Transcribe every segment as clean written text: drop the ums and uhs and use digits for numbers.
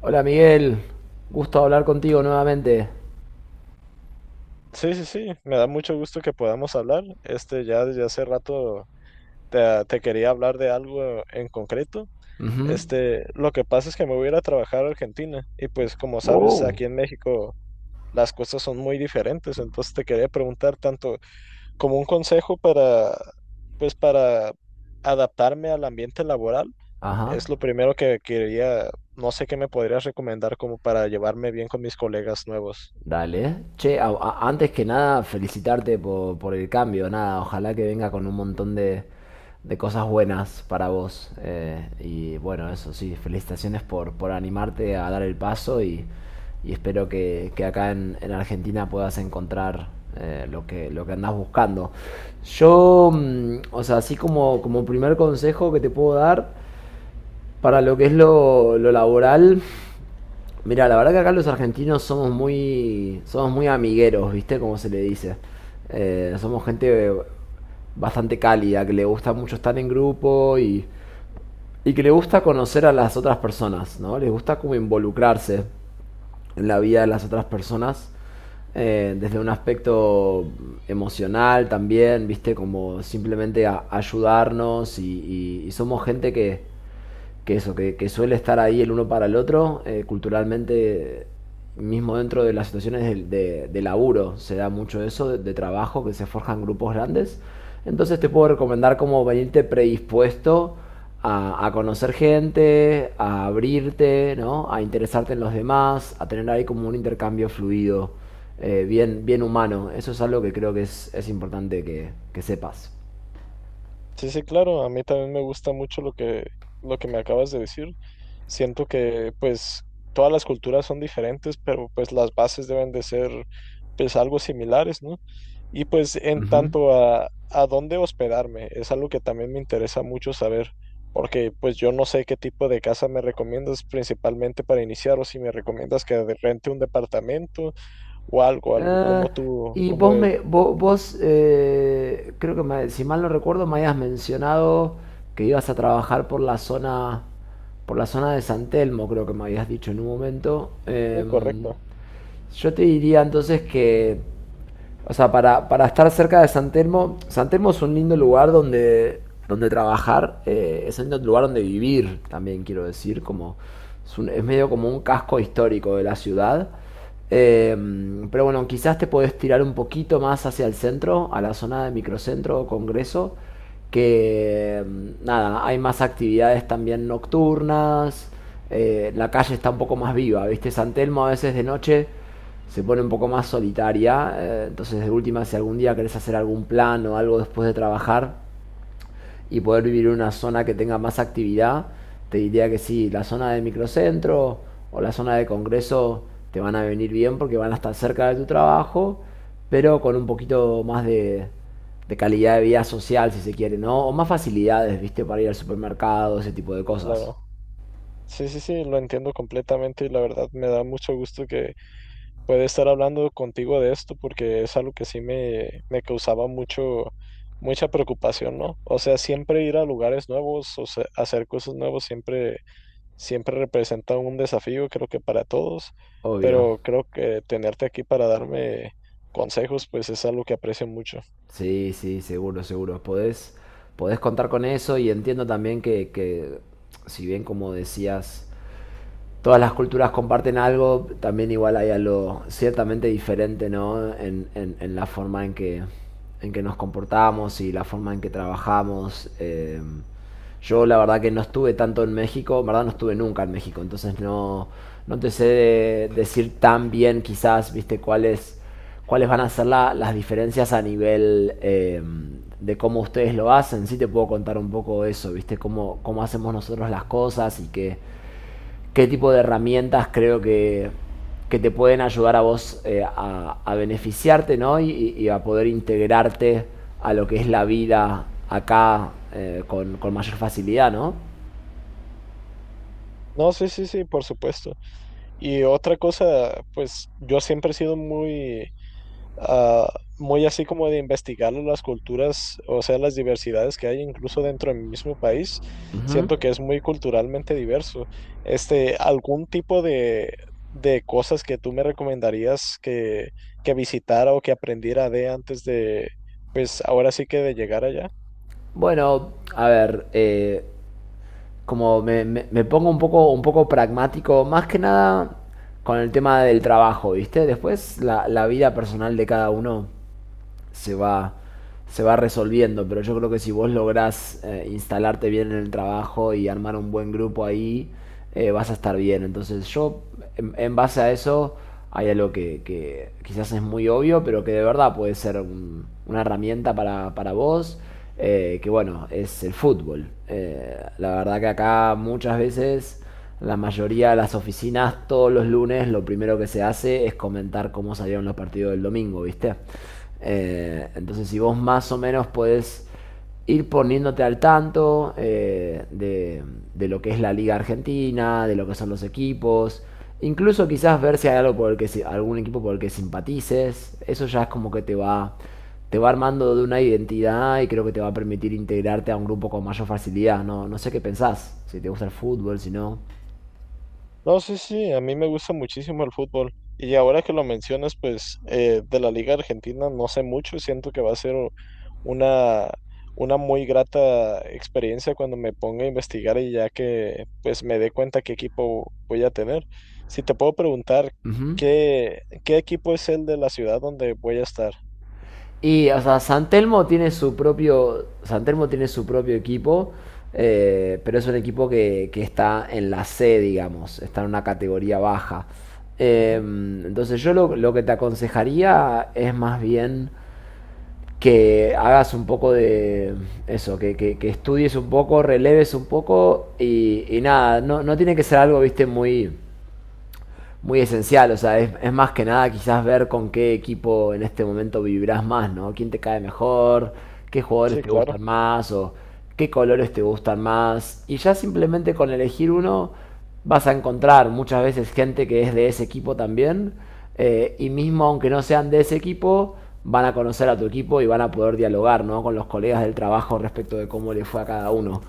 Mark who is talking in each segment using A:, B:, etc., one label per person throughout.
A: Hola Miguel, gusto hablar contigo nuevamente.
B: Sí, sí, sí, me da mucho gusto que podamos hablar. Ya desde hace rato te, te quería hablar de algo en concreto.
A: Ujú.
B: Lo que pasa es que me voy a ir a trabajar a Argentina y pues como sabes,
A: Oh.
B: aquí en México las cosas son muy diferentes, entonces te quería preguntar tanto como un consejo para, pues para adaptarme al ambiente laboral,
A: Ajá.
B: es lo primero que quería, no sé qué me podrías recomendar como para llevarme bien con mis colegas nuevos.
A: Dale. Che, antes que nada, felicitarte por el cambio. Nada, ojalá que venga con un montón de cosas buenas para vos. Y bueno, eso sí, felicitaciones por animarte a dar el paso y espero que acá en Argentina puedas encontrar lo que andás buscando. Yo, o sea, así como, como primer consejo que te puedo dar, para lo que es lo laboral, mira, la verdad que acá los argentinos somos muy amigueros, ¿viste? Como se le dice. Somos gente bastante cálida, que le gusta mucho estar en grupo y que le gusta conocer a las otras personas, ¿no? Les gusta como involucrarse en la vida de las otras personas desde un aspecto emocional también, ¿viste? Como simplemente ayudarnos y somos gente que eso, que suele estar ahí el uno para el otro, culturalmente, mismo dentro de las situaciones de, de laburo, se da mucho eso, de trabajo, que se forjan grupos grandes. Entonces te puedo recomendar como venirte predispuesto a conocer gente, a abrirte, ¿no? A interesarte en los demás, a tener ahí como un intercambio fluido, bien, bien humano. Eso es algo que creo que es importante que sepas.
B: Sí, sí, claro, a mí también me gusta mucho lo que me acabas de decir. Siento que pues todas las culturas son diferentes, pero pues las bases deben de ser pues algo similares, ¿no? Y pues en
A: Ujú.
B: tanto a dónde hospedarme, es algo que también me interesa mucho saber, porque pues yo no sé qué tipo de casa me recomiendas principalmente para iniciar o si me recomiendas que rente un departamento o algo, algo como
A: Ah,
B: tú,
A: y
B: como
A: vos
B: es.
A: me, vos, creo que si mal no recuerdo, me habías mencionado que ibas a trabajar por la zona de San Telmo, creo que me habías dicho en un momento.
B: Sí, correcto,
A: Yo te diría entonces que, o sea, para estar cerca de San Telmo, San Telmo es un lindo lugar donde, donde trabajar, es un lindo lugar donde vivir, también quiero decir, como es, es medio como un casco histórico de la ciudad. Eh, pero bueno, quizás te podés tirar un poquito más hacia el centro, a la zona de microcentro o congreso, que nada, hay más actividades también nocturnas, la calle está un poco más viva, ¿viste? San Telmo a veces de noche se pone un poco más solitaria. Entonces, de última, si algún día querés hacer algún plan o algo después de trabajar y poder vivir en una zona que tenga más actividad, te diría que sí, la zona de microcentro o la zona de congreso te van a venir bien porque van a estar cerca de tu trabajo, pero con un poquito más de calidad de vida social, si se quiere, ¿no? O más facilidades, ¿viste? Para ir al supermercado, ese tipo de
B: sí,
A: cosas.
B: claro. Sí, sí, sí, lo entiendo completamente y la verdad me da mucho gusto que pueda estar hablando contigo de esto porque es algo que sí me causaba mucho, mucha preocupación, ¿no? O sea, siempre ir a lugares nuevos o sea, hacer cosas nuevas siempre, siempre representa un desafío, creo que para todos,
A: Obvio.
B: pero creo que tenerte aquí para darme consejos, pues es algo que aprecio mucho.
A: Sí, sí, seguro, seguro. Podés, podés contar con eso y entiendo también que, si bien como decías, todas las culturas comparten algo, también igual hay algo ciertamente diferente, ¿no? En, en la forma en que nos comportamos y la forma en que trabajamos. Yo la verdad que no estuve tanto en México, en verdad no estuve nunca en México, entonces no, no te sé decir tan bien quizás, viste, cuáles, cuáles van a ser las diferencias a nivel de cómo ustedes lo hacen. Sí te puedo contar un poco eso, viste, cómo, cómo hacemos nosotros las cosas y que qué tipo de herramientas creo que te pueden ayudar a vos a beneficiarte, ¿no? Y, y a poder integrarte a lo que es la vida acá con mayor facilidad, ¿no?
B: No, sí, sí, sí, por supuesto. Y otra cosa, pues yo siempre he sido muy... ah, muy así como de investigar las culturas, o sea, las diversidades que hay incluso dentro de mi mismo país.
A: Uh -huh.
B: Siento que es muy culturalmente diverso. ¿Algún tipo de cosas que tú me recomendarías que visitara o que aprendiera de antes de, pues ahora sí que de llegar allá?
A: Bueno, a ver, como me pongo un poco pragmático, más que nada con el tema del trabajo, ¿viste? Después la, la vida personal de cada uno se va, se va resolviendo. Pero yo creo que si vos lográs instalarte bien en el trabajo y armar un buen grupo ahí, vas a estar bien. Entonces yo, en base a eso, hay algo que quizás es muy obvio, pero que de verdad puede ser una herramienta para vos, que bueno, es el fútbol. La verdad que acá muchas veces la mayoría de las oficinas todos los lunes lo primero que se hace es comentar cómo salieron los partidos del domingo, ¿viste? Entonces si vos más o menos podés ir poniéndote al tanto de lo que es la liga argentina, de lo que son los equipos, incluso quizás ver si hay algo por el que algún equipo por el que simpatices, eso ya es como que te va, te va armando de una identidad y creo que te va a permitir integrarte a un grupo con mayor facilidad. No sé qué pensás, si te gusta el fútbol, si no.
B: No, sí, sí, a mí me gusta muchísimo el fútbol. Y ahora que lo mencionas, pues de la Liga Argentina no sé mucho, siento que va a ser una, una muy grata experiencia cuando me ponga a investigar y ya que pues me dé cuenta qué equipo voy a tener. Si te puedo preguntar,
A: Ujú.
B: ¿qué, qué equipo es el de la ciudad donde voy a estar?
A: Y, o sea, San Telmo tiene su propio. San Telmo tiene su propio equipo. Pero es un equipo que está en la C, digamos. Está en una categoría baja. Eh,
B: Ujú,
A: entonces, yo lo que te aconsejaría es más bien que hagas un poco de eso, que, que estudies un poco, releves un poco y nada, no, no tiene que ser algo, viste, muy, muy esencial. O sea, es más que nada quizás ver con qué equipo en este momento vivirás más, ¿no? ¿Quién te cae mejor? ¿Qué jugadores
B: sí,
A: te
B: claro.
A: gustan más? ¿O qué colores te gustan más? Y ya simplemente con elegir uno vas a encontrar muchas veces gente que es de ese equipo también. Y mismo aunque no sean de ese equipo, van a conocer a tu equipo y van a poder dialogar, ¿no? Con los colegas del trabajo respecto de cómo le fue a cada uno.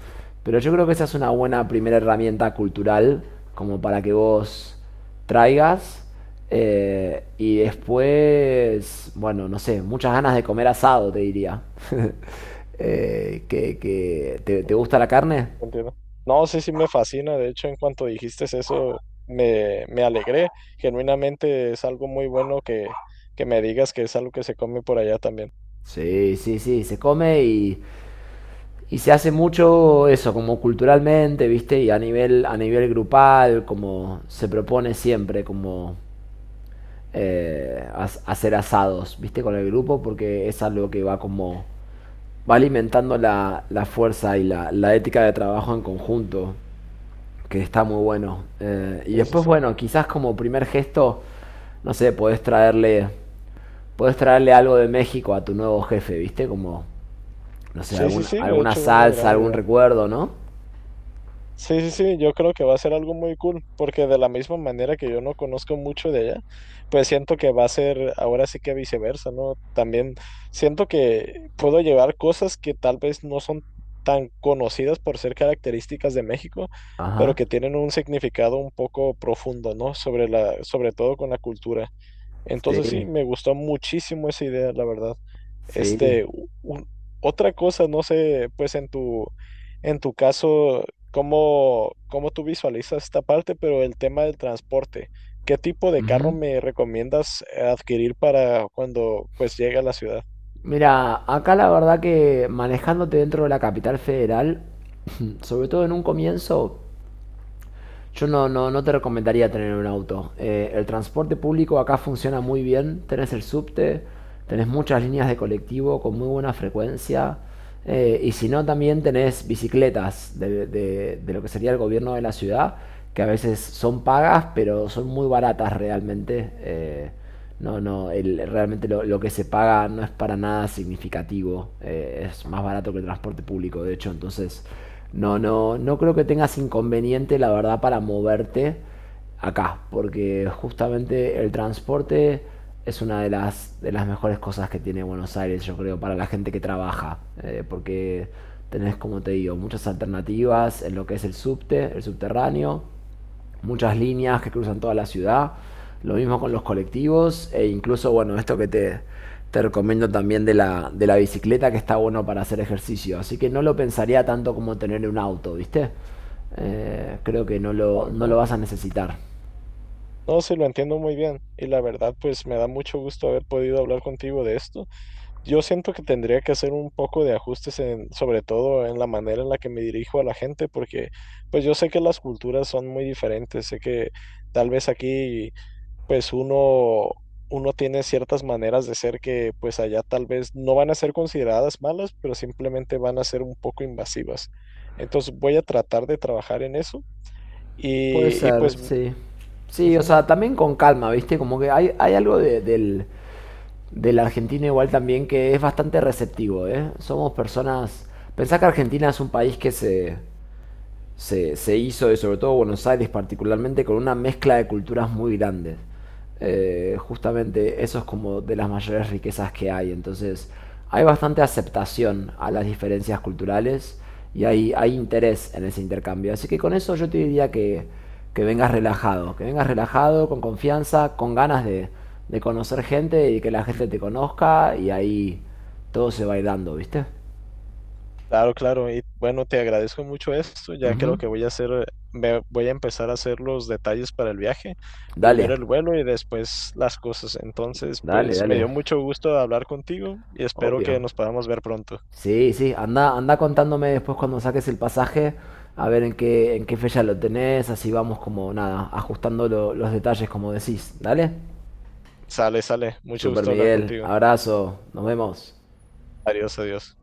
A: Pero yo creo que esa es una buena primera herramienta cultural como para que vos traigas. Y después, bueno, no sé, muchas ganas de comer asado, te diría. ¿Te, te gusta la carne?
B: Entiendo. No, sí, sí me fascina. De hecho, en cuanto dijiste eso, me alegré. Genuinamente es algo muy bueno que me digas que es algo que se come por allá también.
A: Sí, sí, sí, se come y se hace mucho eso, como culturalmente, ¿viste? Y a nivel grupal, como se propone siempre, como hacer asados, ¿viste? Con el grupo, porque es algo que va como, va alimentando la, la fuerza y la ética de trabajo en conjunto. Que está muy bueno. Y
B: Sí, sí,
A: después,
B: sí.
A: bueno, quizás como primer gesto, no sé, podés traerle algo de México a tu nuevo jefe, ¿viste? Como, no sé,
B: Sí, sí,
A: algún,
B: sí. De
A: alguna
B: hecho, una
A: salsa,
B: gran
A: algún
B: idea.
A: recuerdo, ¿no?
B: Sí, sí, sí, yo creo que va a ser algo muy cool, porque de la misma manera que yo no conozco mucho de ella, pues siento que va a ser ahora sí que viceversa, ¿no? También siento que puedo llevar cosas que tal vez no son tan conocidas por ser características de México, pero
A: Ajá,
B: que tienen un significado un poco profundo, ¿no? Sobre la, sobre todo con la cultura. Entonces sí,
A: sí,
B: me gustó muchísimo esa idea, la verdad.
A: sí.
B: Este, u- un- otra cosa, no sé, pues en tu caso, cómo, cómo tú visualizas esta parte, pero el tema del transporte, ¿qué tipo de carro
A: Ujú.
B: me recomiendas adquirir para cuando pues llegue a la ciudad?
A: Mira, acá la verdad que manejándote dentro de la capital federal, sobre todo en un comienzo, yo no, no, no te recomendaría tener un auto. El transporte público acá funciona muy bien. Tenés el subte, tenés muchas líneas de colectivo con muy buena frecuencia. Y si no, también tenés bicicletas de, de lo que sería el gobierno de la ciudad, que a veces son pagas, pero son muy baratas realmente. No, no, el, realmente lo que se paga no es para nada significativo. Es más barato que el transporte público, de hecho. Entonces, no, no, no creo que tengas inconveniente, la verdad, para moverte acá. Porque justamente el transporte es una de las mejores cosas que tiene Buenos Aires, yo creo, para la gente que trabaja. Porque tenés, como te digo, muchas alternativas en lo que es el subte, el subterráneo, muchas líneas que cruzan toda la ciudad. Lo mismo con los colectivos e incluso, bueno, esto que te recomiendo también de la bicicleta que está bueno para hacer ejercicio. Así que no lo pensaría tanto como tener un auto, ¿viste? Creo que no lo, no lo
B: Ajá.
A: vas a necesitar.
B: No, sí, lo entiendo muy bien y la verdad, pues me da mucho gusto haber podido hablar contigo de esto. Yo siento que tendría que hacer un poco de ajustes en, sobre todo en la manera en la que me dirijo a la gente, porque pues yo sé que las culturas son muy diferentes, sé que tal vez aquí pues uno tiene ciertas maneras de ser que pues allá tal vez no van a ser consideradas malas, pero simplemente van a ser un poco invasivas. Entonces voy a tratar de trabajar en eso
A: Puede
B: y
A: ser,
B: pues
A: sí. Sí, o
B: ujú,
A: sea, también con calma, ¿viste? Como que hay algo del, del argentino igual también que es bastante receptivo, ¿eh? Somos personas... Pensá que Argentina es un país que se hizo, y sobre todo Buenos Aires particularmente, con una mezcla de culturas muy grandes. Justamente eso es como de las mayores riquezas que hay. Entonces hay bastante aceptación a las diferencias culturales y hay interés en ese intercambio. Así que con eso yo te diría que vengas relajado, con confianza, con ganas de conocer gente y que la gente te conozca y ahí todo se va a ir dando, ¿viste?
B: claro, claro. Y bueno, te agradezco mucho esto. Ya creo
A: Ujú.
B: que voy a hacer, me voy a empezar a hacer los detalles para el viaje.
A: Dale,
B: Primero el vuelo y después las cosas. Entonces,
A: dale,
B: pues me
A: dale,
B: dio mucho gusto hablar contigo y espero que
A: obvio.
B: nos podamos ver pronto.
A: Sí, sí, anda, anda contándome después cuando saques el pasaje, a ver en qué fecha lo tenés, así vamos como nada, ajustando los detalles como decís, ¿dale?
B: Sale, sale. Mucho
A: Super
B: gusto hablar
A: Miguel,
B: contigo.
A: abrazo, nos vemos.
B: Adiós, adiós.